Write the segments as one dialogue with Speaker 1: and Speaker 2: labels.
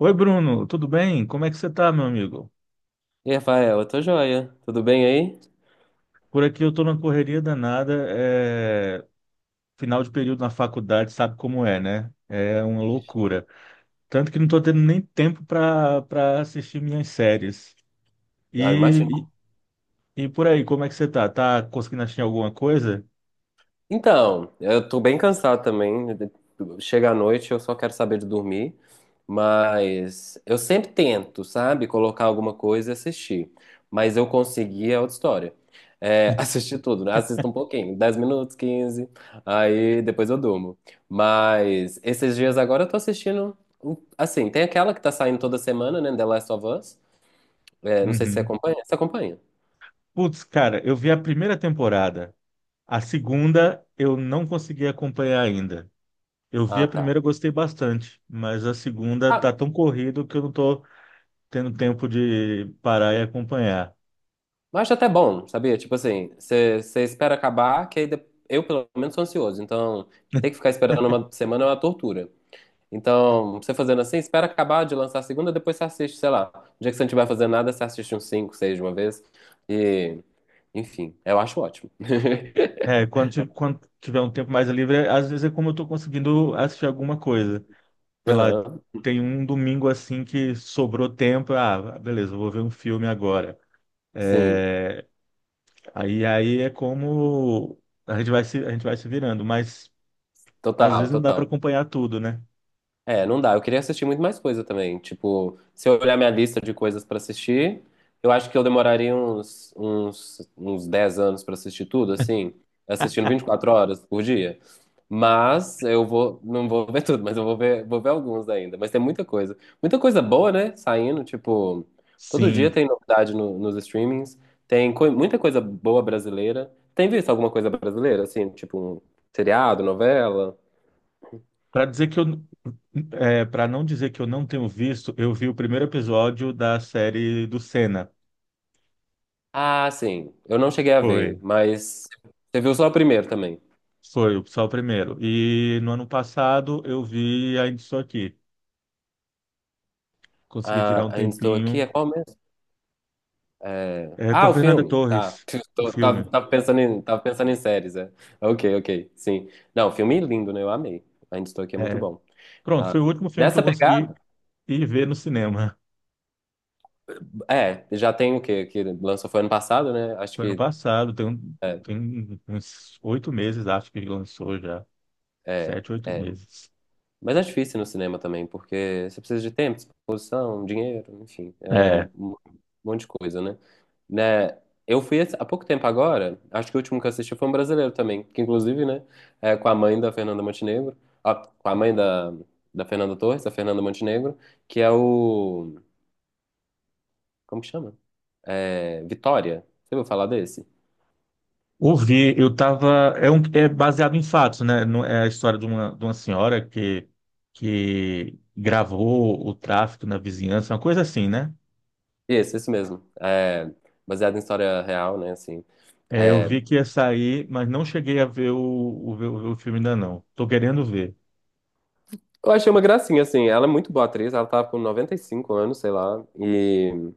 Speaker 1: Oi, Bruno, tudo bem? Como é que você tá, meu amigo?
Speaker 2: E Rafael, eu tô joia. Tudo bem aí?
Speaker 1: Por aqui eu tô na correria danada, final de período na faculdade, sabe como é, né? É uma loucura. Tanto que não tô tendo nem tempo para assistir minhas séries.
Speaker 2: Ah,
Speaker 1: E,
Speaker 2: imagino.
Speaker 1: e por aí, como é que você tá? Tá conseguindo assistir alguma coisa?
Speaker 2: Então, eu tô bem cansado também. Chega à noite, eu só quero saber de dormir. Mas eu sempre tento, sabe? Colocar alguma coisa e assistir. Mas eu consegui, é outra história. É, assistir tudo, né? Assisto um pouquinho, 10 minutos, 15. Aí depois eu durmo. Mas esses dias agora eu tô assistindo. Assim, tem aquela que tá saindo toda semana, né? The Last of Us. É, não sei se você
Speaker 1: Uhum.
Speaker 2: acompanha. Você acompanha?
Speaker 1: Putz, cara, eu vi a primeira temporada. A segunda eu não consegui acompanhar ainda. Eu vi
Speaker 2: Ah,
Speaker 1: a
Speaker 2: tá.
Speaker 1: primeira, gostei bastante, mas a segunda tá
Speaker 2: Ah,
Speaker 1: tão corrido que eu não tô tendo tempo de parar e acompanhar.
Speaker 2: Mas acho até bom, sabia? Tipo assim, você espera acabar, que aí eu, pelo menos, sou ansioso. Então, ter que ficar esperando uma semana é uma tortura. Então, você fazendo assim, espera acabar de lançar a segunda, depois você assiste, sei lá. No dia que você não estiver fazendo nada, você assiste uns 5, 6 de uma vez. E, enfim, eu acho ótimo.
Speaker 1: É, quando tiver um tempo mais livre, às vezes é como eu tô conseguindo assistir alguma coisa. Sei lá,
Speaker 2: Aham,
Speaker 1: tem um domingo assim que sobrou tempo, ah, beleza, eu vou ver um filme agora.
Speaker 2: sim,
Speaker 1: É, aí é como a gente vai se virando, mas às
Speaker 2: total,
Speaker 1: vezes não dá para
Speaker 2: total.
Speaker 1: acompanhar tudo, né?
Speaker 2: É, não dá. Eu queria assistir muito mais coisa também. Tipo, se eu olhar minha lista de coisas pra assistir, eu acho que eu demoraria uns 10 anos pra assistir tudo, assim, assistindo 24 horas por dia. Mas não vou ver tudo, mas eu vou ver, alguns ainda. Mas tem muita coisa. Muita coisa boa, né? Saindo, tipo, todo dia
Speaker 1: Sim.
Speaker 2: tem novidade nos streamings. Tem muita coisa boa brasileira. Tem visto alguma coisa brasileira, assim, tipo, um seriado, novela?
Speaker 1: Para dizer que eu, Para não dizer que eu não tenho visto, eu vi o primeiro episódio da série do Senna.
Speaker 2: Ah, sim. Eu não cheguei a ver,
Speaker 1: Foi.
Speaker 2: mas você viu só o primeiro também.
Speaker 1: Foi só o primeiro. E no ano passado eu vi Ainda Estou Aqui. Consegui tirar
Speaker 2: Ah,
Speaker 1: um
Speaker 2: ainda estou aqui. É
Speaker 1: tempinho.
Speaker 2: qual mesmo? É.
Speaker 1: É, com
Speaker 2: Ah,
Speaker 1: a
Speaker 2: o
Speaker 1: Fernanda
Speaker 2: filme. Tá.
Speaker 1: Torres, o
Speaker 2: Tô- Tava,
Speaker 1: filme.
Speaker 2: tava pensando em, tava pensando em séries, é. Ok, ok. Sim. Não, filme é lindo, né? Eu amei. Ainda estou aqui, é muito
Speaker 1: É,
Speaker 2: bom.
Speaker 1: pronto,
Speaker 2: Ah,
Speaker 1: foi o último filme que eu
Speaker 2: nessa
Speaker 1: consegui
Speaker 2: pegada,
Speaker 1: ir ver no cinema.
Speaker 2: já tem o quê? Que lançou foi ano passado, né? Acho
Speaker 1: Foi ano
Speaker 2: que
Speaker 1: passado,
Speaker 2: é,
Speaker 1: tem uns oito meses, acho que lançou já.
Speaker 2: é,
Speaker 1: Sete, oito
Speaker 2: é.
Speaker 1: meses.
Speaker 2: Mas é difícil no cinema também, porque você precisa de tempo, disposição, dinheiro, enfim, é um,
Speaker 1: É,
Speaker 2: um monte de coisa, né? Eu fui há pouco tempo agora, acho que o último que eu assisti foi um brasileiro também, que inclusive, né, é com a mãe da Fernanda Montenegro, ó, com a mãe da Fernanda Torres, da Fernanda Montenegro, que é o, como que chama? É, Vitória. Você ouviu falar desse?
Speaker 1: eu tava. É baseado em fatos, né? É a história de uma senhora que gravou o tráfico na vizinhança, uma coisa assim, né?
Speaker 2: Esse mesmo. É, baseado em história real, né, assim.
Speaker 1: É, eu
Speaker 2: É,
Speaker 1: vi que ia sair, mas não cheguei a ver ver o filme ainda não. Tô querendo ver.
Speaker 2: eu achei uma gracinha, assim, ela é muito boa atriz, ela tá com 95 anos, sei lá, e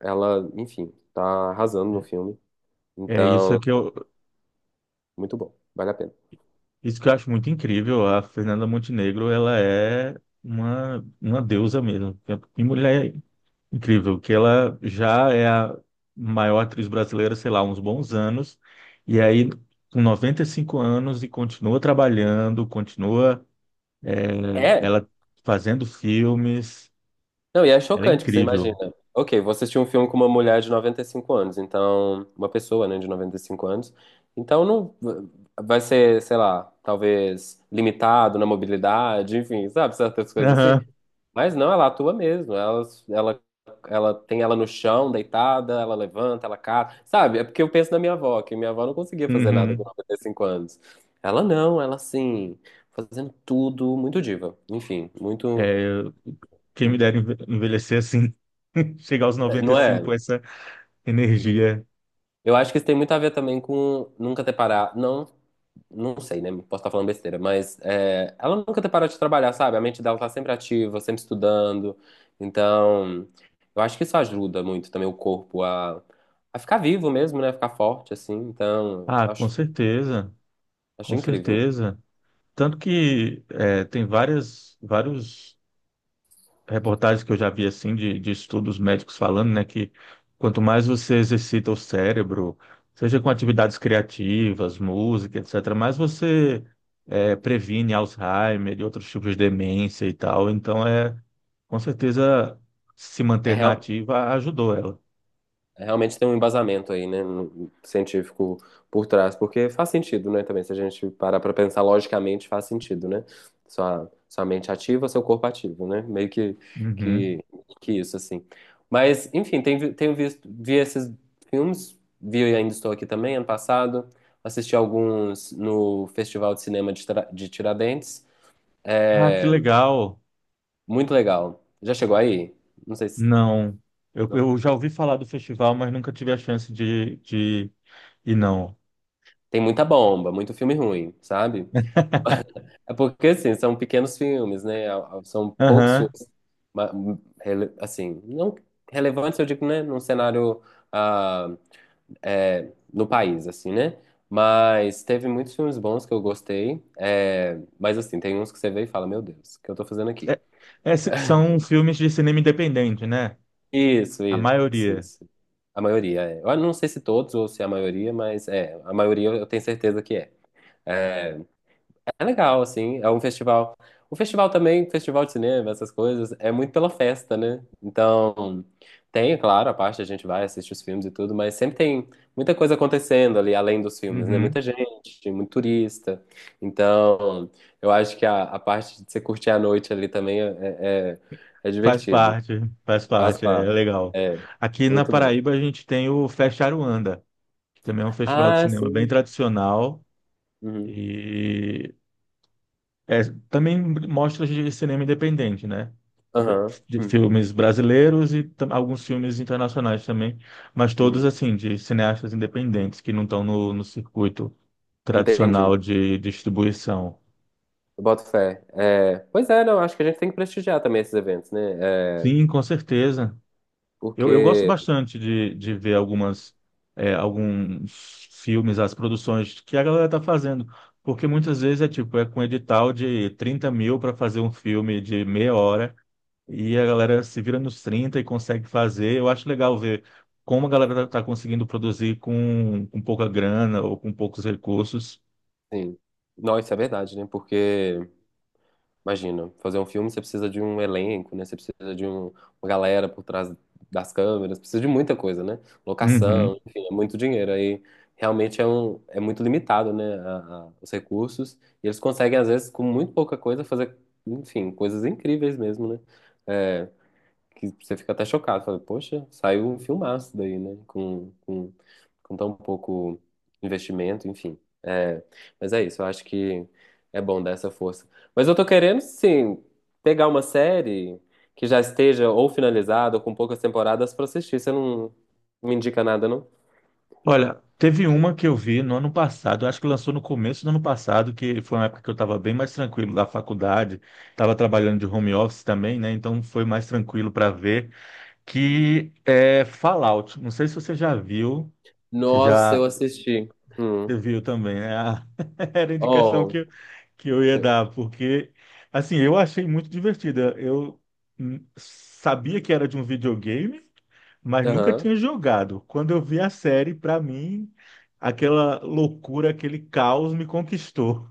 Speaker 2: ela, enfim, tá arrasando no filme.
Speaker 1: É isso é
Speaker 2: Então,
Speaker 1: que eu,
Speaker 2: muito bom, vale a pena.
Speaker 1: isso que eu acho muito incrível. A Fernanda Montenegro, ela é uma deusa mesmo. E mulher incrível, que ela já é a maior atriz brasileira, sei lá, uns bons anos. E aí, com 95 anos, e continua trabalhando, continua, é,
Speaker 2: É,
Speaker 1: ela fazendo filmes.
Speaker 2: não, e é
Speaker 1: Ela é
Speaker 2: chocante que você imagina.
Speaker 1: incrível.
Speaker 2: Ok, você assistiu um filme com uma mulher de 95 anos, então, uma pessoa, né, de 95 anos, então não vai ser, sei lá, talvez limitado na mobilidade, enfim, sabe, certas coisas assim.
Speaker 1: Aham.
Speaker 2: Mas não, ela atua mesmo. Ela, ela tem ela no chão, deitada, ela levanta, ela cata, sabe? É porque eu penso na minha avó, que minha avó não conseguia fazer nada com
Speaker 1: Uhum.
Speaker 2: 95 anos. Ela não, ela assim, fazendo tudo, muito diva. Enfim, muito,
Speaker 1: É, quem me dera enve- envelhecer assim, chegar aos
Speaker 2: não é?
Speaker 1: 95 com essa energia.
Speaker 2: Eu acho que isso tem muito a ver também com nunca ter parado. Não, não sei, né? Posso estar falando besteira, mas ela nunca ter parado de trabalhar, sabe? A mente dela tá sempre ativa, sempre estudando. Então, eu acho que isso ajuda muito também o corpo a ficar vivo mesmo, né? Ficar forte, assim. Então,
Speaker 1: Ah, com
Speaker 2: acho,
Speaker 1: certeza,
Speaker 2: acho
Speaker 1: com
Speaker 2: incrível.
Speaker 1: certeza. Tem várias, vários reportagens que eu já vi assim de estudos médicos falando, né, que quanto mais você exercita o cérebro, seja com atividades criativas, música, etc., mais previne Alzheimer e outros tipos de demência e tal. Então é com certeza se
Speaker 2: É
Speaker 1: manter na
Speaker 2: real-
Speaker 1: ativa ajudou ela.
Speaker 2: Realmente tem um embasamento aí, né, científico por trás, porque faz sentido, né, também, se a gente parar pra pensar logicamente, faz sentido, né? Sua mente ativa, seu corpo ativo, né? Meio
Speaker 1: Uhum.
Speaker 2: que, que isso, assim. Mas, enfim, tenho visto, vi esses filmes, vi e ainda estou aqui também, ano passado, assisti alguns no Festival de Cinema de Tiradentes,
Speaker 1: Ah, que
Speaker 2: é
Speaker 1: legal!
Speaker 2: muito legal. Já chegou aí? Não sei se...
Speaker 1: Não,
Speaker 2: Não.
Speaker 1: eu já ouvi falar do festival, mas nunca tive a chance de ir, não.
Speaker 2: Tem muita bomba, muito filme ruim, sabe? É porque, assim, são pequenos filmes, né? São poucos
Speaker 1: Aham.
Speaker 2: filmes, ma- assim, não relevantes, eu digo, né? Num cenário ah, no país, assim, né? Mas teve muitos filmes bons que eu gostei. É, mas, assim, tem uns que você vê e fala, meu Deus, o que eu tô fazendo aqui?
Speaker 1: É- são filmes de cinema independente, né?
Speaker 2: Isso,
Speaker 1: A
Speaker 2: isso,
Speaker 1: maioria.
Speaker 2: isso. A maioria, é. Eu não sei se todos ou se a maioria, mas é, a maioria eu tenho certeza que é. É, É legal, assim, é um festival. O festival também, festival de cinema, essas coisas, é muito pela festa, né? Então, tem, claro, a parte a gente vai assistir os filmes e tudo, mas sempre tem muita coisa acontecendo ali, além dos filmes, né?
Speaker 1: Uhum.
Speaker 2: Muita gente, muito turista. Então, eu acho que a parte de você curtir a noite ali também é, é é divertido.
Speaker 1: Faz
Speaker 2: Faz
Speaker 1: parte, é
Speaker 2: parte.
Speaker 1: legal.
Speaker 2: É,
Speaker 1: Aqui na
Speaker 2: muito bom.
Speaker 1: Paraíba a gente tem o Fest Aruanda, que também é um festival de
Speaker 2: Ah,
Speaker 1: cinema bem
Speaker 2: sim.
Speaker 1: tradicional
Speaker 2: Uhum.
Speaker 1: e é, também mostras de cinema independente, né? Br-
Speaker 2: Aham.
Speaker 1: De filmes brasileiros e alguns filmes internacionais também, mas todos
Speaker 2: Hum.
Speaker 1: assim, de cineastas independentes que não estão no circuito
Speaker 2: Entendi.
Speaker 1: tradicional de distribuição.
Speaker 2: Eu boto fé. É, pois é, não, acho que a gente tem que prestigiar também esses eventos, né?
Speaker 1: Sim, com certeza. Eu gosto
Speaker 2: Porque,
Speaker 1: bastante de ver algumas, alguns filmes, as produções que a galera tá fazendo, porque muitas vezes é tipo, é com edital de 30.000 para fazer um filme de meia hora e a galera se vira nos 30 e consegue fazer. Eu acho legal ver como a galera tá conseguindo produzir com pouca grana ou com poucos recursos.
Speaker 2: assim, não, isso é verdade, né? Porque, imagina, fazer um filme você precisa de um elenco, né? Você precisa uma galera por trás das câmeras, precisa de muita coisa, né?
Speaker 1: Uhum.
Speaker 2: Locação, enfim, é muito dinheiro. Aí realmente é muito limitado, né? Os recursos. E eles conseguem, às vezes, com muito pouca coisa, fazer, enfim, coisas incríveis mesmo, né? É, que você fica até chocado. Fala, poxa, saiu um filmaço daí, né? Com tão pouco investimento, enfim. É, mas é isso, eu acho que é bom dar essa força. Mas eu tô querendo, sim, pegar uma série que já esteja ou finalizada ou com poucas temporadas pra assistir. Você não me indica nada, não?
Speaker 1: Olha, teve uma que eu vi no ano passado, eu acho que lançou no começo do ano passado, que foi uma época que eu estava bem mais tranquilo da faculdade, estava trabalhando de home office também, né? Então foi mais tranquilo para ver, que é Fallout. Não sei se você já viu, se
Speaker 2: Nossa, eu
Speaker 1: já
Speaker 2: assisti. Hum.
Speaker 1: você viu também, né? Ah, era a indicação
Speaker 2: Oh,
Speaker 1: que eu ia dar, porque, assim, eu achei muito divertida. Eu sabia que era de um videogame, mas nunca
Speaker 2: aham.
Speaker 1: tinha jogado. Quando eu vi a série, para mim, aquela loucura, aquele caos me conquistou.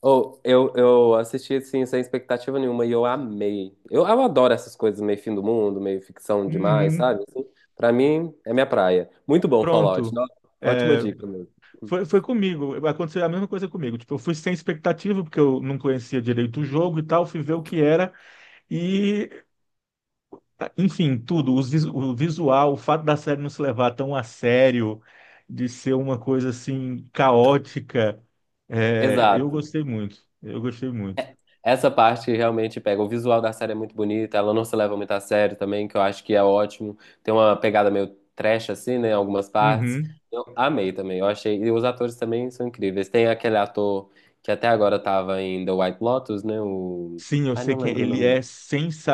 Speaker 2: Eu assisti assim, sem expectativa nenhuma e eu amei. Eu adoro essas coisas meio fim do mundo, meio ficção demais,
Speaker 1: Uhum.
Speaker 2: sabe? Assim, pra mim, é minha praia. Muito bom, Fallout.
Speaker 1: Pronto.
Speaker 2: Ótima
Speaker 1: É,
Speaker 2: dica mesmo.
Speaker 1: foi comigo. Aconteceu a mesma coisa comigo. Tipo, eu fui sem expectativa, porque eu não conhecia direito o jogo e tal, fui ver o que era. E tá, enfim, tudo, o visual, o fato da série não se levar tão a sério, de ser uma coisa assim caótica, é, eu
Speaker 2: Exato.
Speaker 1: gostei muito. Eu gostei muito.
Speaker 2: Essa parte realmente pega. O visual da série é muito bonito, ela não se leva muito a sério também, que eu acho que é ótimo. Tem uma pegada meio trash assim, né, em algumas partes.
Speaker 1: Uhum.
Speaker 2: Eu amei também. Eu achei, e os atores também são incríveis. Tem aquele ator que até agora tava em The White Lotus, né, o
Speaker 1: Sim, eu
Speaker 2: ai,
Speaker 1: sei
Speaker 2: não
Speaker 1: que
Speaker 2: lembro o
Speaker 1: ele
Speaker 2: nome.
Speaker 1: é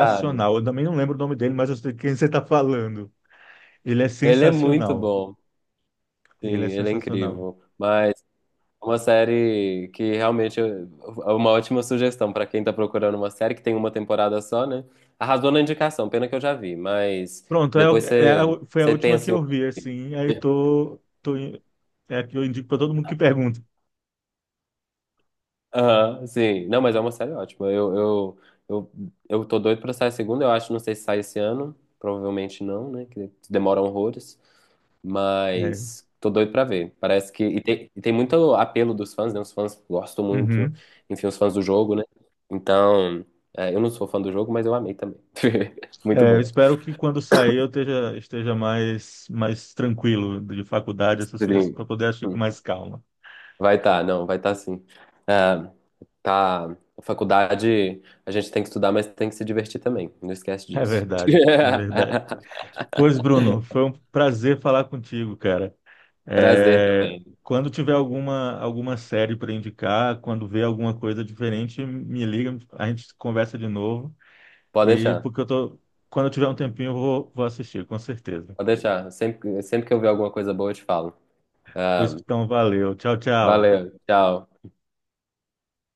Speaker 2: Sabe?
Speaker 1: Eu também não lembro o nome dele, mas eu sei quem você está falando. Ele é
Speaker 2: Ele é muito
Speaker 1: sensacional.
Speaker 2: bom, sim,
Speaker 1: Ele é
Speaker 2: ele é
Speaker 1: sensacional.
Speaker 2: incrível. Mas é uma série que realmente é uma ótima sugestão para quem tá procurando uma série que tem uma temporada só, né? Arrasou na indicação, pena que eu já vi, mas
Speaker 1: Pronto, é, o-
Speaker 2: depois
Speaker 1: é
Speaker 2: você,
Speaker 1: a- foi a
Speaker 2: você
Speaker 1: última que
Speaker 2: pensa em
Speaker 1: eu
Speaker 2: outra.
Speaker 1: vi, assim. Aí tô, tô, in- é a que eu indico para todo mundo que pergunta.
Speaker 2: Aham, sim. Não, mas é uma série ótima. Eu, eu tô doido pra sair a segunda, eu acho. Não sei se sai esse ano. Provavelmente não, né? Que demora horrores.
Speaker 1: É.
Speaker 2: Mas tô doido pra ver. Parece que. E tem muito apelo dos fãs, né? Os fãs gostam muito.
Speaker 1: Uhum.
Speaker 2: Enfim, os fãs do jogo, né? Então. Eu não sou fã do jogo, mas eu amei também. Muito
Speaker 1: É, eu
Speaker 2: boa.
Speaker 1: espero que quando sair eu esteja, esteja mais, mais tranquilo de faculdade, essas coisas, para
Speaker 2: Stream.
Speaker 1: poder agir com mais calma.
Speaker 2: Vai tá, não, vai tá sim. Ah, tá, a faculdade a gente tem que estudar, mas tem que se divertir também. Não esquece
Speaker 1: É
Speaker 2: disso.
Speaker 1: verdade, é verdade. Pois, Bruno, foi um prazer falar contigo, cara.
Speaker 2: Prazer
Speaker 1: É,
Speaker 2: também.
Speaker 1: quando tiver alguma, alguma série para indicar, quando ver alguma coisa diferente, me liga, a gente conversa de novo.
Speaker 2: Pode deixar,
Speaker 1: Porque eu tô, quando eu tiver um tempinho, eu vou assistir, com certeza.
Speaker 2: pode deixar. Sempre que eu ver alguma coisa boa, eu te falo.
Speaker 1: Pois
Speaker 2: Ah,
Speaker 1: então, valeu. Tchau, tchau.
Speaker 2: valeu, tchau.